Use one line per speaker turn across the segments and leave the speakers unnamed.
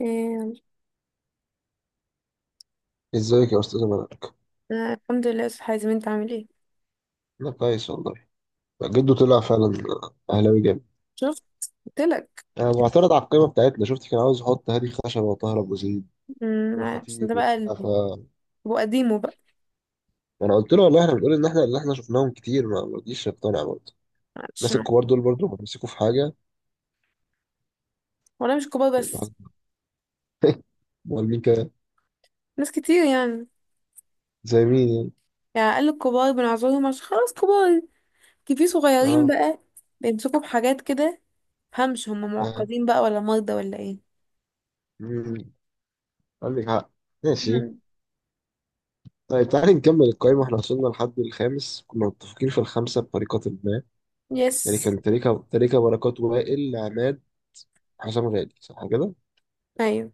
إيه،
ازيك يا استاذ مالك؟
أنا الحمد لله يا أستاذ حازم، انت عامل ايه؟
انا كويس والله. جده طلع فعلا اهلاوي جامد.
شفت، قلتلك.
انا معترض على القائمه بتاعتنا، شفت كان عاوز يحط هادي خشبه وطاهر ابو زيد
عشان
والخطيب
ده بقى
وبتاع. ف
ابو قديمه بقى.
انا قلت له والله احنا بنقول ان احنا اللي احنا شفناهم كتير، ما رضيش يقتنع برضه.
معلش
الناس الكبار دول برضه بيمسكوا في حاجه.
ولا مش كبار
يبقى
بس.
امال مين كده؟
ناس كتير يعني.
زي مين يعني؟
يعني اقل الكبار بنعذرهم عشان خلاص كبار، كي في صغيرين
اه،
بقى. بيمسكوا بحاجات كده. مفهمش هم
اه،
معقدين بقى ولا مرضى ولا ايه؟
مم. عندك حق. ماشي.
أمم،
طيب تعالي نكمل القائمة. احنا وصلنا لحد الخامس، كنا متفقين في الخمسة بطريقة ما.
يس.
يعني كان تريكة بركات وائل عماد حسام غالي، صح كده؟
ايوه.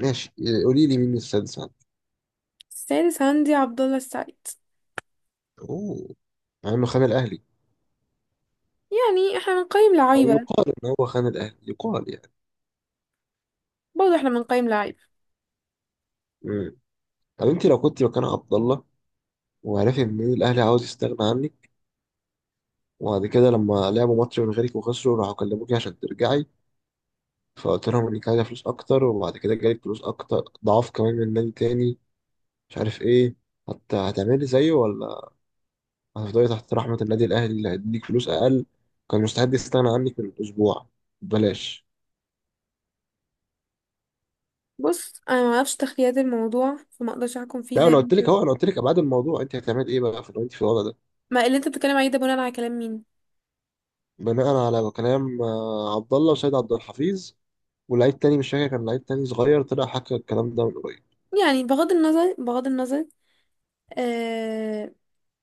ماشي، قولي لي مين السادس عندك؟
السادس عندي عبد الله السعيد.
اوه، مع انه خان الاهلي.
يعني احنا بنقيم
او
لعيبه.
يقال ان هو خان الاهلي، يقال يعني.
برضه احنا بنقيم لعيبه.
مم. طب انت لو كنت مكان عبد الله، وعرفت ان الاهلي عاوز يستغنى عنك، وبعد كده لما لعبوا ماتش من غيرك وخسروا راحوا كلموكي عشان ترجعي، فقلت لهم انك عايزه فلوس اكتر، وبعد كده جالك فلوس اكتر ضعاف كمان من نادي تاني مش عارف ايه، هتعملي زيه، ولا هتفضلي تحت رحمه النادي الاهلي اللي هيديك فلوس اقل؟ كان مستعد يستغنى عنك من اسبوع ببلاش.
بص، انا ما اعرفش تخليات الموضوع فما اقدرش احكم فيه
لا،
زي.
انا قلت لك اهو، انا قلت لك ابعاد الموضوع. انت هتعمل ايه بقى، في لو انت في الوضع ده؟
ما اللي انت بتتكلم عليه ده بناء على كلام مين؟
بناء على كلام عبد الله وسيد عبد الحفيظ ولعيب تاني مش فاكر، كان لعيب تاني صغير طلع حكى الكلام ده من قريب.
يعني بغض النظر بغض النظر. آه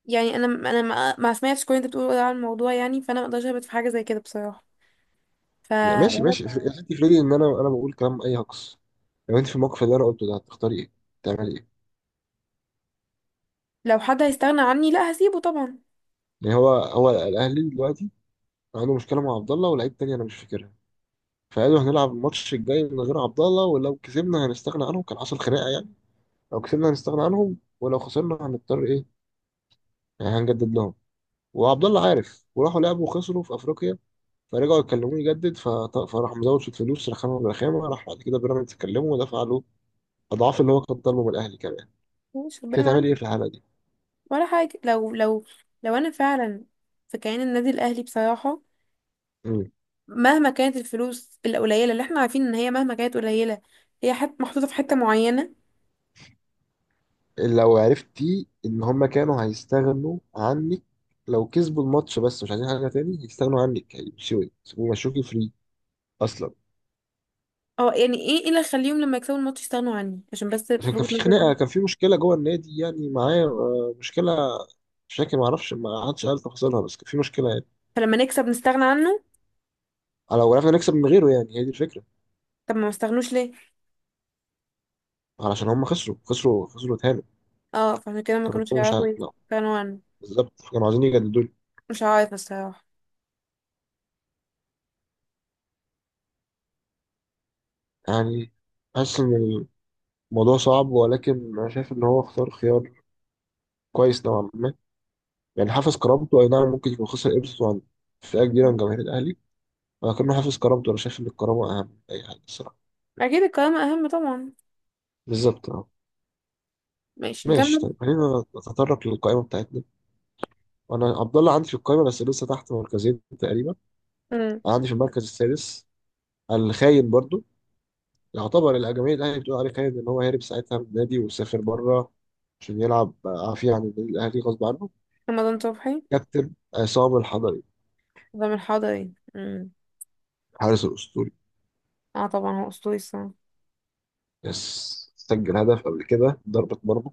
يعني انا مع سمية في كل اللي انت بتقوله ده عن الموضوع يعني، فانا ما اقدرش اهبط في حاجه زي كده بصراحه.
لا، ماشي
فلو
ماشي آه. انت افرضي ان انا بقول كلام اي هجص. لو انت في الموقف اللي انا قلته ده هتختاري ايه؟ تعملي ايه؟
حد هيستغنى عني، لا هسيبه طبعا.
يعني هو الاهلي دلوقتي عنده مشكله مع عبد الله ولاعيب تاني انا مش فاكرها، فقالوا هنلعب الماتش الجاي من غير عبد الله، ولو كسبنا هنستغنى عنهم. كان حصل خناقه يعني. لو كسبنا هنستغنى عنهم، ولو خسرنا هنضطر ايه؟ يعني هنجدد لهم. وعبد الله عارف، وراحوا لعبوا وخسروا في افريقيا، فرجعوا يكلموني يجدد. فراح مزود شويه فلوس، رخامه من رخامه، راح بعد كده بيراميدز كلمه ودفع له اضعاف اللي هو كان طالبه من الاهلي كمان.
مش
كنت
ربنا
هتعمل
معايا
ايه في الحاله دي؟
ولا حاجه. لو انا فعلا في كيان النادي الاهلي بصراحه.
مم.
مهما كانت الفلوس القليله اللي احنا عارفين ان هي مهما كانت قليله، هي محطوطه في حته معينه.
لو عرفتي ان هم كانوا هيستغنوا عنك لو كسبوا الماتش، بس مش عايزين حاجه تاني هيستغنوا عنك، هيمشوك ويمشوكي فري اصلا.
اه، يعني ايه اللي يخليهم لما يكسبوا الماتش يستغنوا عني عشان بس
عشان كان
وجهة
في خناقه،
نظري؟
كان في مشكله جوه النادي يعني معايا مشكله. مش فاكر، ما اعرفش، ما حدش قال تفاصيلها، بس كان في مشكله يعني.
فلما نكسب نستغنى عنه.
لو عرفنا نكسب من غيره، يعني هي دي الفكره.
طب ما استغنوش ليه؟
علشان هم خسروا خسروا تاني.
اه، فعشان كده ما
كانوا
كانوش
مش ع...
هيعرفوا
لا،
يستغنوا عنه.
بالظبط كانوا عايزين يجددوا لي.
مش عارفة الصراحة.
يعني حاسس ان الموضوع صعب، ولكن انا شايف ان هو اختار خيار كويس نوعا ما. يعني حافظ كرامته، اي نعم ممكن يكون خسر قيمته عن فئه كبيره من
مم.
جماهير الاهلي، ولكنه حافظ كرامته. انا شايف ان الكرامه اهم من اي حاجه الصراحه.
أكيد الكرامة أهم طبعا.
بالظبط اه.
ماشي
ماشي.
نكمل.
طيب خلينا نتطرق للقائمه بتاعتنا. وانا عبد الله عندي في القائمه بس لسه تحت مركزين تقريبا.
مم.
عندي في المركز السادس الخاين برضو، يعتبر الجماهير الاهلي بتقول عليه خالد ان هو هرب ساعتها من النادي وسافر بره عشان يلعب عافيه عن النادي الاهلي غصب عنه.
رمضان صبحي.
كابتن عصام الحضري،
رمضان حضري. مم.
الحارس الاسطوري.
اه طبعا هو أسطوري الصراحة.
يس، سجل هدف قبل كده ضربة مرمى.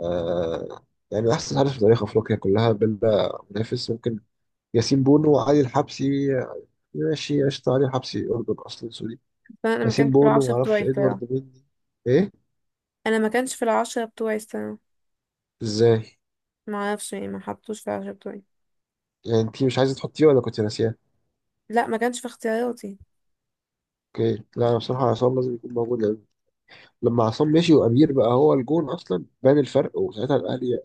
آه، يعني من احسن حارس في تاريخ افريقيا كلها بلا منافس. ممكن ياسين بونو وعلي الحبسي. ماشي قشطة. علي الحبسي أردن أصلا، سوري.
بس أنا ما
ياسين
كانش في
بونو
العشرة بتوعي
معرفش،
الصراحة.
إدوارد مني إيه.
أنا ما كانش في العشرة بتوعي الصراحة.
إزاي؟
ما أعرفش يعني، ما حطوش في العشرة بتوعي.
يعني أنت مش عايزة تحطيه ولا كنت ناسياه؟
لا، ما كانش في اختياراتي.
أوكي. لا أنا بصراحة عصام لازم يكون موجود يعني. لما عصام مشي وامير بقى هو الجون اصلا بان الفرق، وساعتها الاهلي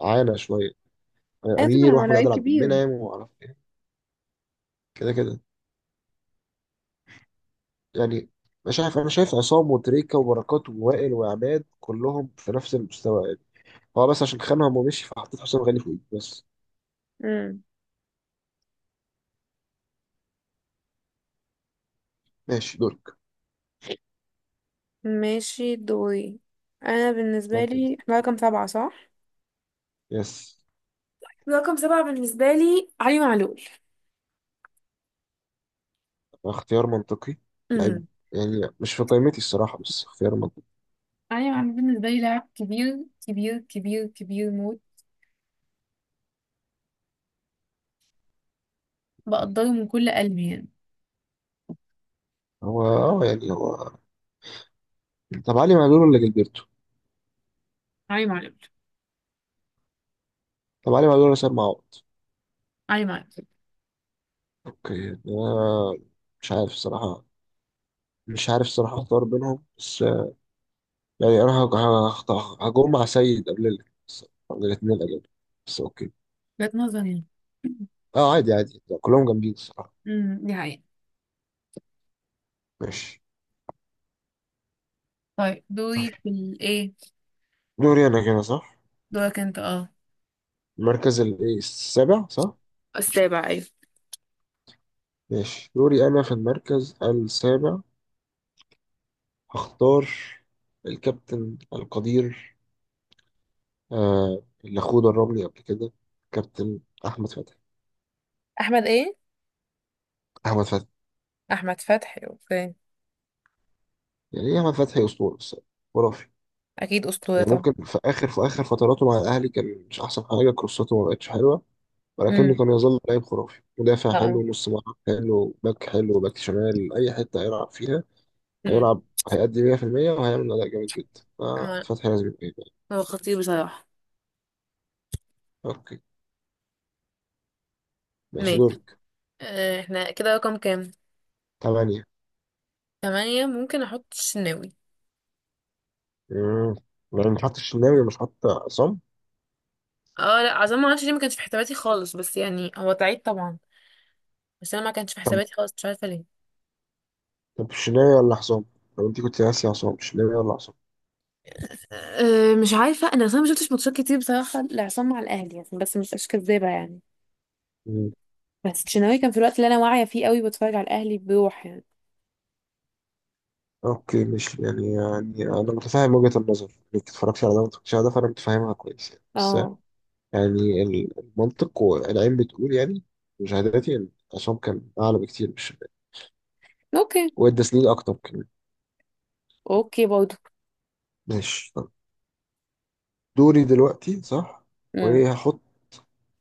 عانى شويه. يعني
أيوة طبعا
امير
هو
واحمد
لعيب
عادل عبد
كبير.
المنعم ومعرفش ايه. كده كده يعني. مش عارف، انا شايف عصام وتريكا وبركات ووائل وعماد كلهم في نفس المستوى يعني. هو بس عشان خانهم ومشي فحطيت حسام غالي فوقيه بس.
مم.
ماشي دورك.
ماشي دوري. أنا بالنسبة
مركز.
لي احنا رقم سبعة صح؟
يس.
رقم سبعة بالنسبة لي علي معلول.
اختيار منطقي. لعيب،
مم.
يعني مش في قائمتي الصراحه، بس اختيار منطقي.
ايوه، انا بالنسبه لي لاعب كبير كبير كبير كبير موت. بقدره من كل قلبي يعني.
هو يعني هو. طب علي معلول ولا جilberto؟
علي معلول.
طب علي معلول ولا سيد معوض؟
علي معلول.
اوكي. ده مش عارف الصراحة، مش عارف الصراحة اختار بينهم بس. يعني انا هختار هجوم مع سيد قبل قبل الاتنين اجل. بس اوكي.
وجهة نظري يعني.
اه عادي عادي، ده كلهم جامدين الصراحة.
دي حقيقة.
ماشي.
طيب دوري
طيب
في الايه.
دوري انا كده صح؟
دورك انت، اه.
المركز إيه، السابع صح؟
السابع، أيوة.
ماشي دوري انا في المركز السابع. هختار الكابتن القدير، اللي اخوه دربني قبل كده، كابتن احمد فتحي.
احمد ايه؟
احمد فتحي.
احمد فتحي، اوكي.
يعني ايه؟ احمد فتحي اسطورة الصراحة، خرافي.
اكيد اسطوره
يعني
طبعا.
ممكن في اخر فتراته مع الاهلي كان مش احسن حاجه، كروساته ما بقتش حلوه، ولكنه
امم.
كان يظل لاعب خرافي، مدافع
اه.
حلو، نص ملعب حلو، باك حلو، باك شمال، اي حته هيلعب فيها
مم.
هيلعب هيأدي 100% وهيعمل اداء جامد جدا.
آه.
ففتحي لازم يبقى.
هو خطير بصراحة.
اوكي ماشي
ماشي.
دورك.
احنا كده رقم كام؟
تمانية.
تمانية. ممكن احط الشناوي.
امم. يعني مش حاطط الشناوي ومش حاطط عصام.
اه، لا، عظام ما اعرفش ليه ما كانش في حساباتي خالص، بس يعني هو تعيد طبعا. بس انا ما كانش في
طب
حساباتي خالص، مش عارفه ليه.
طب الشناوي ولا عصام؟ طب انت كنت ناسي عصام؟ الشناوي ولا عصام؟
أه، مش عارفه، انا اصلا ما شفتش ماتشات كتير بصراحه لعصام مع الاهلي يعني، بس مش كدابه يعني. بس الشناوي كان في الوقت اللي انا واعيه فيه قوي بتفرج على الاهلي بروح يعني.
اوكي. مش يعني، يعني انا متفاهم وجهة النظر انك اتفرجتي على ده وما اتفرجتيش على ده، فانا متفاهمها كويس يعني. بس
اه،
يعني المنطق والعين بتقول يعني. مشاهداتي ان عصام كان اعلى بكتير من الشباب،
اوكي.
وادى سنين اكتر كمان.
اوكي برضه.
ماشي طب. دوري دلوقتي صح.
امم.
وايه هحط؟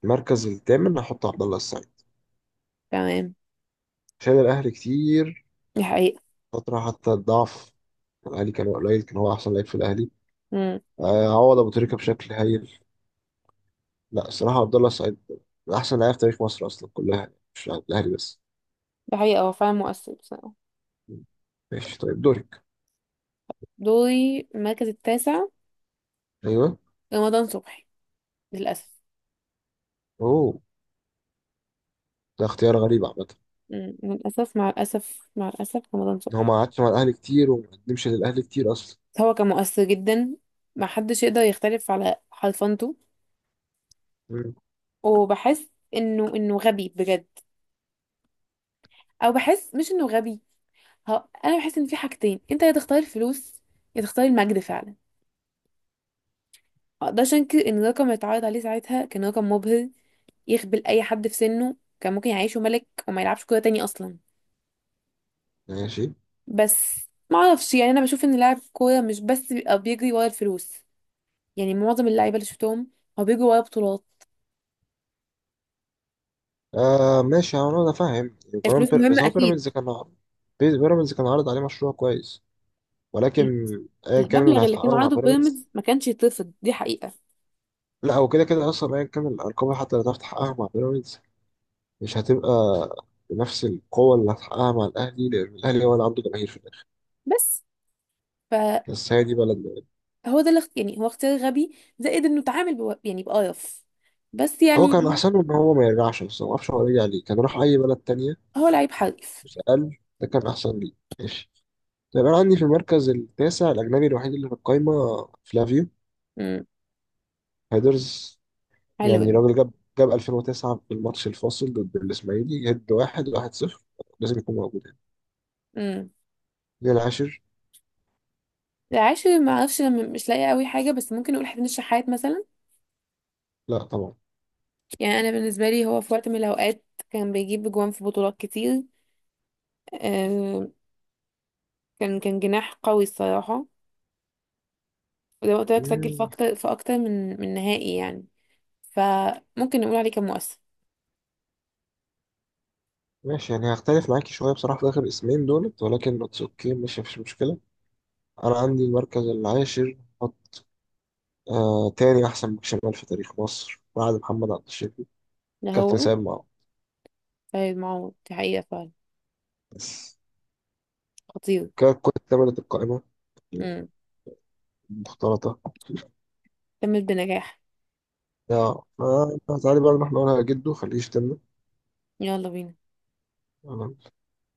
المركز الثامن هحط عبد الله السعيد.
تمام.
شال الاهلي كتير
دي حقيقه.
فترة حتى الضعف. الاهلي كان قليل، كان هو احسن لعيب في الاهلي.
امم
عوض ابو تريكة بشكل هايل. لا الصراحة عبد الله السعيد من احسن لعيب في تاريخ مصر اصلا كلها، مش عند الاهلي بس.
دي حقيقه، هو فعلا مؤثر بصراحه.
ماشي طيب دورك.
دوري المركز التاسع.
ايوه.
رمضان صبحي، للاسف.
اوه ده اختيار غريب عامة.
للاسف، مع الاسف مع الاسف رمضان
ان هو
صبحي.
ما قعدش مع الاهلي كتير وما قدمش للاهلي كتير اصلا.
هو كان مؤثر جدا. محدش يقدر يختلف على حرفنته.
مم.
وبحس انه غبي بجد. او بحس مش انه غبي. ها، انا بحس ان في حاجتين، انت يا تختار الفلوس يا تختار المجد فعلا. ما اقدرش انكر ان الرقم اللي اتعرض عليه ساعتها كان رقم مبهر. يخبل اي حد في سنه، كان ممكن يعيشه ملك وما يلعبش كوره تاني اصلا.
ماشي.
بس ما اعرفش يعني، انا بشوف ان لاعب كوره مش بس بيبقى بيجري ورا الفلوس. يعني معظم اللعيبه اللي شفتهم هو بيجري ورا بطولات.
ماشي انا فاهم. كمان
الفلوس
بس
مهمه
هو بيراميدز
اكيد.
كان عارض. بيراميدز كان عارض عليه مشروع كويس، ولكن
ال-
ايا كان اللي
المبلغ اللي كان
هتحققه مع
عرضه
بيراميدز.
بيراميدز ما كانش يترفض، دي حقيقة.
لا، هو كده كده اصلا ايا كان الارقام حتى اللي هتعرف تحققها مع بيراميدز مش هتبقى بنفس القوة اللي هتحققها مع الاهلي، لان الاهلي هو اللي عنده جماهير في الاخر.
بس فهو،
بس هي دي بلدنا.
ده يعني هو اختيار غبي زائد انه اتعامل يعني بقرف. بس
هو
يعني.
كان أحسن له إن هو ما يرجعش، بس ما أعرفش هو رجع ليه، كان راح أي بلد تانية.
هو لعيب حريف.
بس قال ده كان أحسن ليه. ماشي. طيب أنا عندي في المركز التاسع الأجنبي الوحيد اللي في القايمة، فلافيو
امم.
هيدرز.
حلو
يعني
ده.
راجل جاب، جاب 2009 في الماتش الفاصل ضد الإسماعيلي هيد، واحد صفر. لازم يكون موجود يعني.
امم
ليه العاشر؟
العاشر، ما اعرفش، انا مش لاقيه قوي حاجه، بس ممكن نقول حسين الشحات مثلا.
لا طبعا.
يعني انا بالنسبه لي هو في وقت من الاوقات كان بيجيب جوان في بطولات كتير. آه. كان جناح قوي الصراحه. وزي ما قلت لك سجل في
مم،
اكتر في اكتر من نهائي يعني. فممكن نقول عليه كان مؤثر.
ماشي. يعني هختلف معاكي شوية بصراحة في آخر اسمين دولت، ولكن اتس أوكي، مش مفيش مشكلة. أنا عندي المركز العاشر حط تاني أحسن باك شمال في تاريخ مصر بعد محمد عبد الشافي،
ده
كابتن
هو.
سيد معاذ.
سيد معوض، دي حقيقة فعلا.
بس
خطير.
كانت كل تمرة القائمة
امم
المختلطة
كمل بنجاح.
يا. فتعالي بقى نروح نقولها لجده خليه يشتمنا.
يلا بينا.